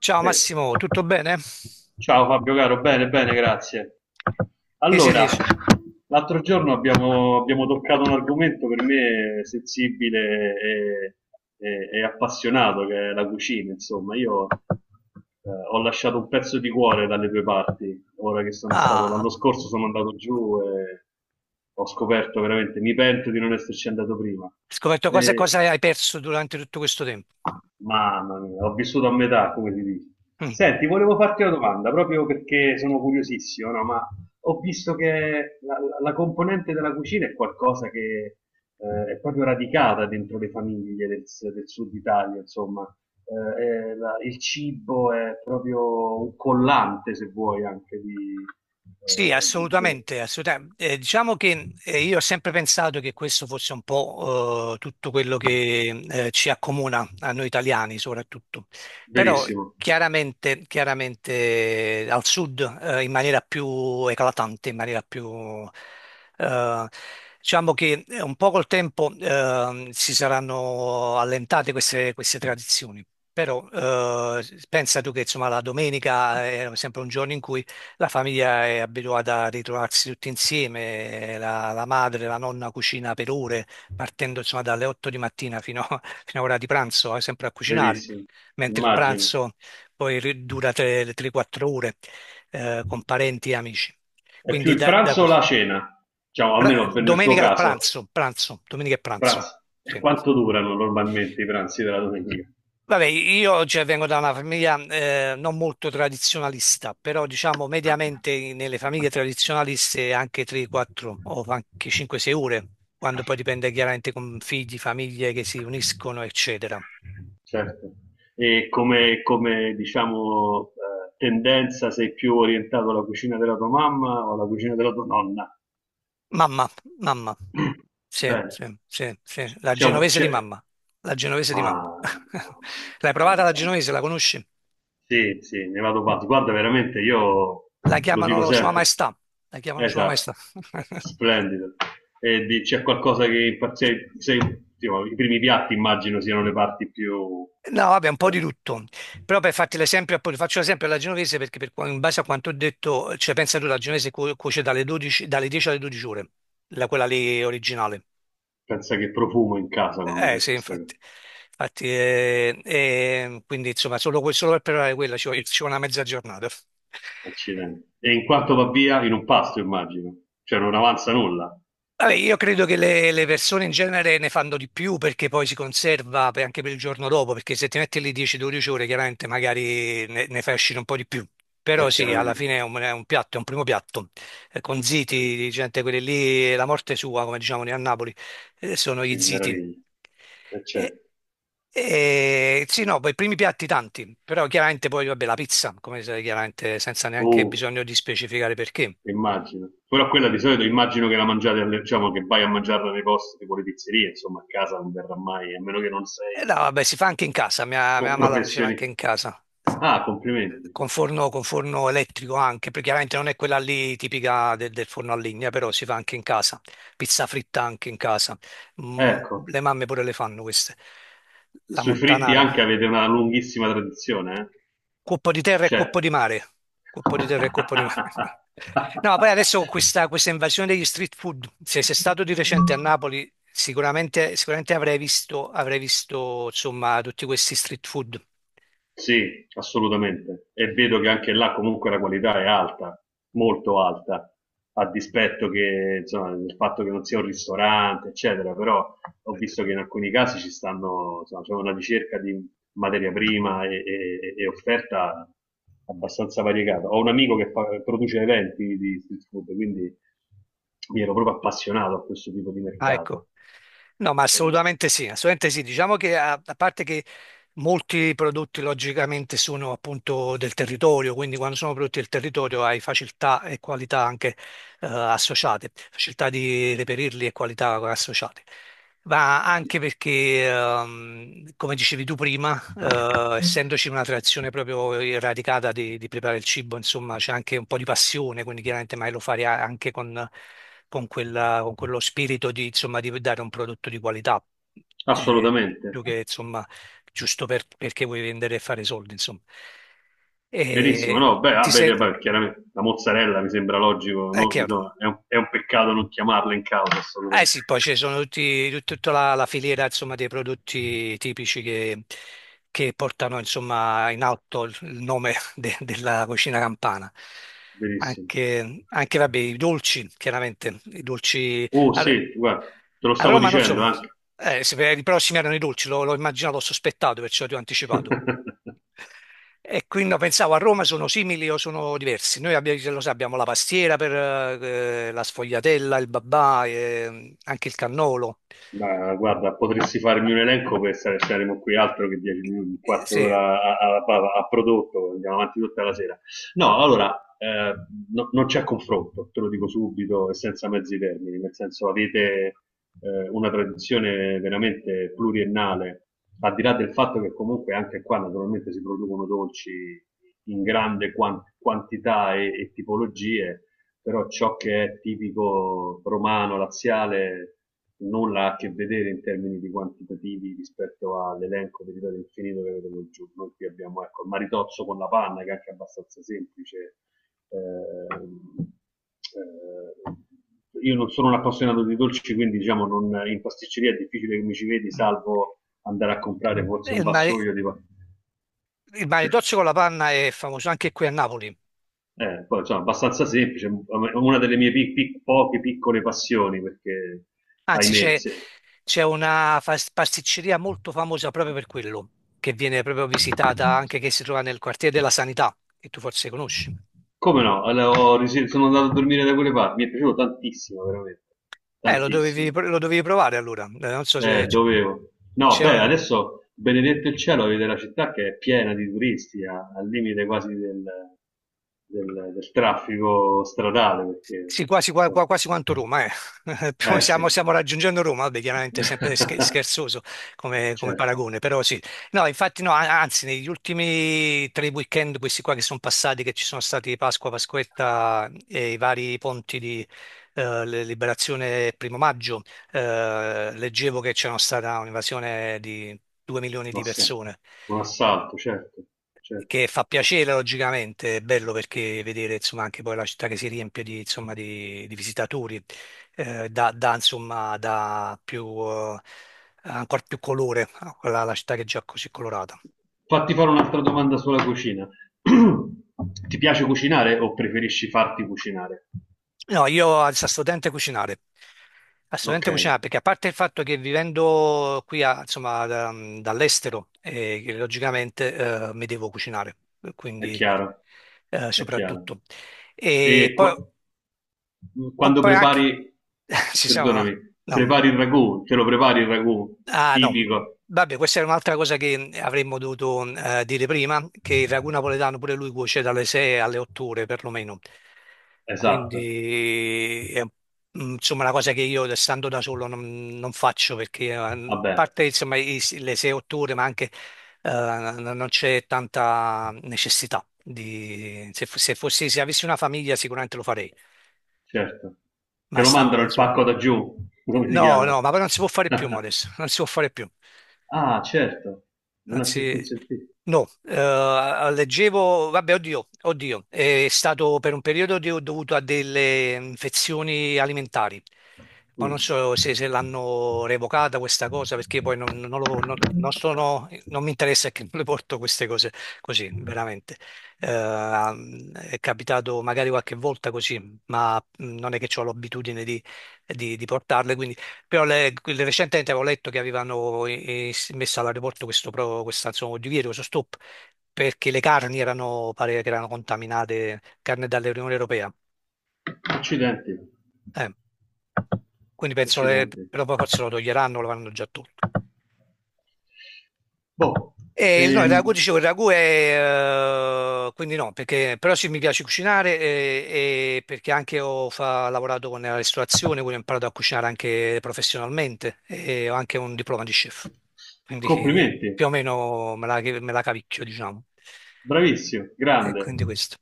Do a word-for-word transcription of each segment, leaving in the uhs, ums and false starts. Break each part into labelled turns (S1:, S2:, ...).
S1: Ciao
S2: Eh.
S1: Massimo, tutto bene?
S2: Ciao Fabio caro, bene, bene, grazie.
S1: Che si
S2: Allora,
S1: dice?
S2: l'altro giorno abbiamo, abbiamo toccato un argomento per me sensibile e, e- e appassionato, che è la cucina, insomma. Io eh, ho lasciato un pezzo di cuore dalle tue parti, ora che sono stato,
S1: Ah,
S2: l'anno scorso sono andato giù e ho scoperto veramente, mi pento di non esserci andato prima.
S1: hai scoperto cosa,
S2: Eh,
S1: cosa hai perso durante tutto questo tempo.
S2: Mamma mia, ho vissuto a metà, come si dice. Senti, volevo farti una domanda, proprio perché sono curiosissimo, no? Ma ho visto che la, la- la componente della cucina è qualcosa che eh, è proprio radicata dentro le famiglie del, s- del sud Italia, insomma. Eh, è la- il cibo è proprio un collante, se vuoi, anche di...
S1: Sì,
S2: eh, de- de-
S1: assolutamente, assolutamente. Eh, diciamo che eh, io ho sempre pensato che questo fosse un po' eh, tutto quello che eh, ci accomuna a noi italiani soprattutto, però
S2: verissimo,
S1: chiaramente, chiaramente al sud, eh, in maniera più eclatante, in maniera più. Eh, diciamo che eh, un po' col tempo eh, si saranno allentate queste, queste tradizioni, però eh, pensa tu che insomma la domenica era sempre un giorno in cui la famiglia è abituata a ritrovarsi tutti insieme, la, la madre, la nonna cucina per ore, partendo insomma dalle otto di mattina fino, a- fino a ora di pranzo, eh, sempre a cucinare,
S2: verissimo,
S1: mentre il
S2: immagino.
S1: pranzo poi ri- dura tre o quattro ore, eh, con parenti e amici.
S2: È più
S1: Quindi
S2: il
S1: da, da
S2: pranzo o
S1: questo.
S2: la cena? Diciamo,
S1: Pra-
S2: almeno per- nel tuo
S1: domenica al
S2: caso.
S1: pranzo, pranzo, domenica e pranzo.
S2: Pranzo. E
S1: Sì.
S2: quanto durano normalmente i pranzi della domenica?
S1: Vabbè, io cioè, vengo da una famiglia eh, non molto tradizionalista, però diciamo mediamente nelle famiglie tradizionaliste anche tre, quattro o anche cinque, sei ore, quando poi dipende chiaramente con figli, famiglie che si uniscono, eccetera.
S2: Certo. E come, come, diciamo, eh, tendenza sei più orientato alla cucina della tua mamma o alla cucina della tua nonna?
S1: Mamma, mamma, sì,
S2: Bene,
S1: sì, sì, sì, la
S2: c'è un...
S1: genovese di
S2: C'è,
S1: mamma, la genovese di
S2: ma...
S1: mamma.
S2: ma-
S1: L'hai
S2: ma
S1: provata la
S2: insomma.
S1: genovese, la conosci?
S2: Sì, sì, ne vado pazzo. Guarda, veramente, io
S1: La
S2: lo dico
S1: chiamano Sua
S2: sempre.
S1: Maestà, la chiamano Sua Maestà.
S2: Esatto, splendido. E di- c'è qualcosa che impazzisce, i primi piatti immagino siano le parti più...
S1: No, vabbè, un po'
S2: cioè,
S1: di tutto. Però per farti l'esempio, appunto, faccio l'esempio alla genovese perché per qua- in base a quanto ho detto, cioè pensa tu, la genovese cu- cuoce dalle dodici, dalle dieci alle dodici ore, la- quella lì originale.
S2: pensa che profumo in casa quando
S1: Eh
S2: c'è
S1: sì,
S2: questo
S1: infatti. Infatti, eh, eh, quindi insomma, solo, que- solo per preparare quella ci vuole, ci vuole una mezza giornata.
S2: accidente. E in quanto va via, in un pasto immagino. Cioè non avanza nulla,
S1: Vabbè, io credo che le, le persone in genere ne fanno di più perché poi si conserva per- anche per il giorno dopo, perché se ti metti lì dieci dodici ore, chiaramente magari ne, ne fai uscire un po' di più.
S2: ma
S1: Però sì, alla
S2: chiaramente.
S1: fine è un, è un piatto, è un primo piatto. Eh, con
S2: Eh,
S1: ziti, gente, quelli lì, la morte sua, come diciamo noi a Napoli, eh, sono gli
S2: che
S1: ziti.
S2: meraviglia. E c'è.
S1: E, e- sì, no, poi i primi piatti tanti, però chiaramente poi, vabbè, la pizza, come sai, chiaramente senza neanche
S2: Oh,
S1: bisogno di specificare perché.
S2: immagino. Però quella di solito immagino che la mangiate, alle- diciamo che vai a mangiarla nei posti tipo le pizzerie, insomma a casa non verrà mai, a meno che non
S1: Eh no,
S2: sei
S1: vabbè, si fa anche in casa, mia, mia
S2: un
S1: mamma la faceva anche
S2: professionista.
S1: in casa,
S2: Ah, complimenti.
S1: con forno, con forno elettrico anche, perché chiaramente non è quella lì tipica del, del forno a legna, però si fa anche in casa, pizza fritta anche in casa. Mm.
S2: Ecco,
S1: Le mamme pure le fanno queste,
S2: e
S1: la
S2: sui fritti
S1: montanara,
S2: anche avete una lunghissima tradizione, eh?
S1: cuoppo di terra e
S2: C'è.
S1: cuoppo di mare, cuoppo di terra e cuoppo di mare. No, poi adesso con questa, questa invasione degli street food, se sei stato di recente a Napoli, sicuramente, sicuramente avrai visto, avrai visto insomma tutti questi street food.
S2: Sì, assolutamente. E vedo che anche là comunque la qualità è alta, molto alta, a dispetto che, insomma, del fatto che non sia un ristorante, eccetera, però ho visto che in alcuni casi ci stanno, insomma, c'è una ricerca di materia prima e, e- e offerta abbastanza variegata. Ho un amico che fa- produce eventi di street food, quindi mi ero proprio appassionato a questo tipo di
S1: Ah, ecco.
S2: mercato.
S1: No, ma
S2: Eh,
S1: assolutamente sì, assolutamente sì. Diciamo che a, a parte che molti prodotti logicamente sono appunto del territorio, quindi quando sono prodotti del territorio hai facilità e qualità anche eh, associate, facilità di reperirli e qualità associate. Ma anche perché, ehm, come dicevi tu prima, eh, essendoci una tradizione proprio radicata di, di preparare il cibo, insomma, c'è anche un po' di passione, quindi chiaramente mai lo fare a- anche con, con quella- con quello spirito di, insomma, di dare un prodotto di qualità, eh,
S2: assolutamente.
S1: più che, insomma, giusto per- perché vuoi vendere e fare soldi, insomma. E
S2: Verissimo, no, beh, ah,
S1: ti sei.
S2: beh, beh, chiaramente la mozzarella mi sembra logico,
S1: È
S2: no?
S1: chiaro.
S2: Bisogna- è, un, è un peccato non chiamarla in causa
S1: Eh
S2: assolutamente.
S1: sì, poi ci sono tutti, tut- tutta la, la filiera, insomma, dei prodotti tipici che, che portano, insomma, in alto il il nome de- della cucina campana.
S2: Verissimo.
S1: Anche, anche, vabbè, i dolci, chiaramente, i dolci.
S2: Oh sì, guarda, te lo
S1: A
S2: stavo
S1: Roma non so,
S2: dicendo anche.
S1: eh, se per i prossimi erano i dolci, lo- l'ho immaginato, l'ho sospettato, perciò ti ho anticipato. E quindi no, pensavo a Roma sono simili o sono diversi. Noi abbiamo, lo sai, abbiamo la pastiera, per eh, la sfogliatella, il babà, eh, anche il cannolo.
S2: Ma guarda, potresti farmi un elenco per stare saremo qui altro che dieci minuti, un
S1: Eh
S2: quarto
S1: sì.
S2: d'ora a, a- a- a prodotto, andiamo avanti tutta la sera. No, allora, eh, no- non c'è confronto, te lo dico subito e senza mezzi termini, nel senso avete eh, una tradizione veramente pluriennale, al di là del fatto che comunque anche qua naturalmente si producono dolci in grande quan- quantità e, e tipologie, però ciò che è tipico romano, laziale, nulla ha a che vedere in termini di quantitativi rispetto all'elenco di ripeto infinito che vedevo giù. Noi qui abbiamo ecco, il maritozzo con la panna, che è anche abbastanza semplice. Eh, eh, io non sono un appassionato di dolci, quindi diciamo non, in pasticceria è difficile che mi ci vedi,
S1: Mm.
S2: salvo andare a comprare
S1: E
S2: forse un
S1: Il mare,
S2: vassoio di.
S1: il maritozzo con la panna è famoso anche qui a Napoli.
S2: Eh, poi, insomma, abbastanza semplice, è una delle mie pic- pic- poche piccole passioni, perché,
S1: Anzi,
S2: ahimè,
S1: c'è
S2: se-
S1: c'è una fas- pasticceria molto famosa proprio per quello, che viene proprio visitata, anche che si trova nel quartiere della Sanità, che tu forse conosci.
S2: come no, allora, ho ris- sono andato a dormire da quelle parti, mi è piaciuto tantissimo, veramente,
S1: Eh, lo dovevi,
S2: tantissimo.
S1: lo dovevi provare allora. Eh, Non so
S2: Eh,
S1: se c-
S2: dovevo. No,
S1: c'è.
S2: beh, adesso, benedetto il cielo, vede la città che è piena di turisti, a- al limite quasi del, del- del traffico stradale, perché,
S1: Sì, quasi, qua-
S2: insomma,
S1: qua- quasi quanto Roma, eh. Più
S2: eh sì,
S1: Stiamo, stiamo raggiungendo Roma, vabbè, chiaramente è sempre sche- scherzoso come, come
S2: certo,
S1: paragone, però sì. No, infatti no, a- anzi, negli ultimi tre weekend, questi qua che sono passati, che ci sono stati Pasqua, Pasquetta e i vari ponti di eh, le- Liberazione e Primo Maggio, eh, leggevo che c'era stata un'invasione di due milioni
S2: un
S1: di
S2: ass-
S1: persone,
S2: un assalto, certo, certo.
S1: che fa piacere logicamente, è bello perché vedere insomma anche poi la città che si riempie di, insomma, di, di visitatori, eh, dà dà, insomma dà più, eh, ancora più colore a quella, alla città che è già così colorata.
S2: Fatti fare un'altra domanda sulla cucina. Ti piace cucinare o preferisci farti cucinare?
S1: No, io al studente cucinare, assolutamente
S2: Okay,
S1: cucinare perché a parte il fatto che vivendo qui a- insomma da- dall'estero, eh, che logicamente eh, mi devo cucinare,
S2: è
S1: quindi
S2: chiaro,
S1: eh,
S2: è chiaro.
S1: soprattutto. E
S2: E
S1: poi
S2: qua-
S1: P-
S2: quando
S1: poi
S2: prepari,
S1: anche ci siamo, no?
S2: perdonami,
S1: No.
S2: prepari il ragù, te lo prepari il ragù
S1: Ah, no.
S2: tipico?
S1: Vabbè, questa è un'altra cosa che avremmo dovuto eh, dire prima, che il ragù napoletano pure lui cuoce dalle sei alle otto ore perlomeno.
S2: Esatto,
S1: Quindi è, mm, insomma una cosa che io stando da solo non, non faccio perché eh, a
S2: vabbè,
S1: parte insomma i- le sei otto ore, ma anche eh, non non c'è tanta necessità di, se, fo- se fossi se avessi una famiglia sicuramente lo farei,
S2: certo. Te
S1: ma
S2: lo
S1: stando
S2: mandano
S1: da
S2: il
S1: solo.
S2: pacco da giù, come si
S1: No, no,
S2: chiama?
S1: ma non si può fare più, Modest, non si può fare più.
S2: Ah, certo, non è più
S1: Anzi,
S2: consentito.
S1: no, eh, leggevo, vabbè, oddio, oddio, è stato per un periodo di- dovuto a delle infezioni alimentari, ma
S2: Mm.
S1: non so se, se l'hanno revocata questa cosa, perché poi non, non lo- non- non sono, non mi interessa, che non le porto queste cose così, veramente. Eh, è capitato magari qualche volta così, ma mm, non è che ho l'abitudine di di- di portarle, quindi però le- le- recentemente avevo letto che avevano eh, eh, messo all'aeroporto questo pro- questa, insomma, divieto, questo stop, perché le carni erano, pare che erano contaminate, carne dall'Unione Europea.
S2: Accidenti,
S1: Eh, quindi penso che
S2: accidenti.
S1: però poi forse lo toglieranno, lo vanno già tolto.
S2: Boh,
S1: E il- no, il ragù,
S2: ehm,
S1: dicevo, il ragù è. Eh, quindi no, perché, però sì, mi piace cucinare, eh, e, perché anche ho fa- lavorato con la ristorazione, quindi ho imparato a cucinare anche professionalmente e ho anche un diploma di chef. Quindi eh, più
S2: complimenti,
S1: o meno me la, me la cavicchio, diciamo.
S2: bravissimo,
S1: E
S2: grande.
S1: quindi questo.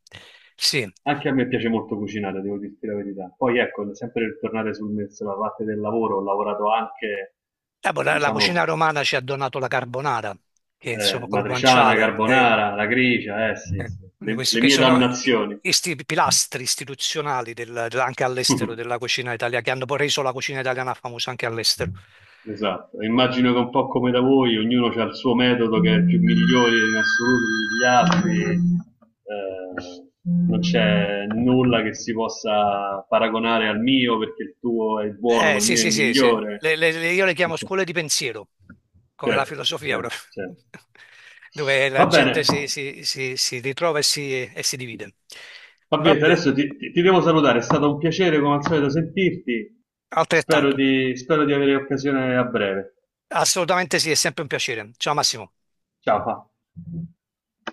S1: Sì.
S2: Anche a me piace molto cucinare, devo dirti la verità. Poi ecco, sempre per tornare sul me- sulla parte del lavoro, ho lavorato anche,
S1: Eh, boh, la, la cucina
S2: diciamo,
S1: romana ci ha donato la carbonara, che
S2: eh,
S1: insomma col
S2: matriciana,
S1: guanciale. eh,
S2: carbonara, la grigia, eh sì,
S1: Eh,
S2: sì, le,
S1: Questi
S2: le
S1: che
S2: mie
S1: sono i
S2: dannazioni.
S1: isti- pilastri istituzionali del- del- anche all'estero della cucina italiana, che hanno poi reso la cucina italiana famosa anche all'estero.
S2: Esatto, immagino che un po' come da voi, ognuno ha il suo metodo che è il più migliore in assoluto degli altri, eh, non c'è nulla che si possa paragonare al mio perché il tuo è buono
S1: Eh,
S2: ma il
S1: sì,
S2: mio è
S1: sì, sì, sì.
S2: migliore.
S1: Le- le- le- io le chiamo scuole di pensiero, come la
S2: Certo,
S1: filosofia
S2: certo,
S1: proprio,
S2: certo.
S1: dove la
S2: Va bene.
S1: gente si, si- si- si ritrova e si, e si divide. Va
S2: Fabietta,
S1: bene,
S2: adesso ti, ti- ti devo salutare, è stato un piacere come al solito sentirti, spero
S1: altrettanto.
S2: di, spero di avere occasione a breve.
S1: Assolutamente sì, è sempre un piacere. Ciao Massimo.
S2: Ciao. Fa.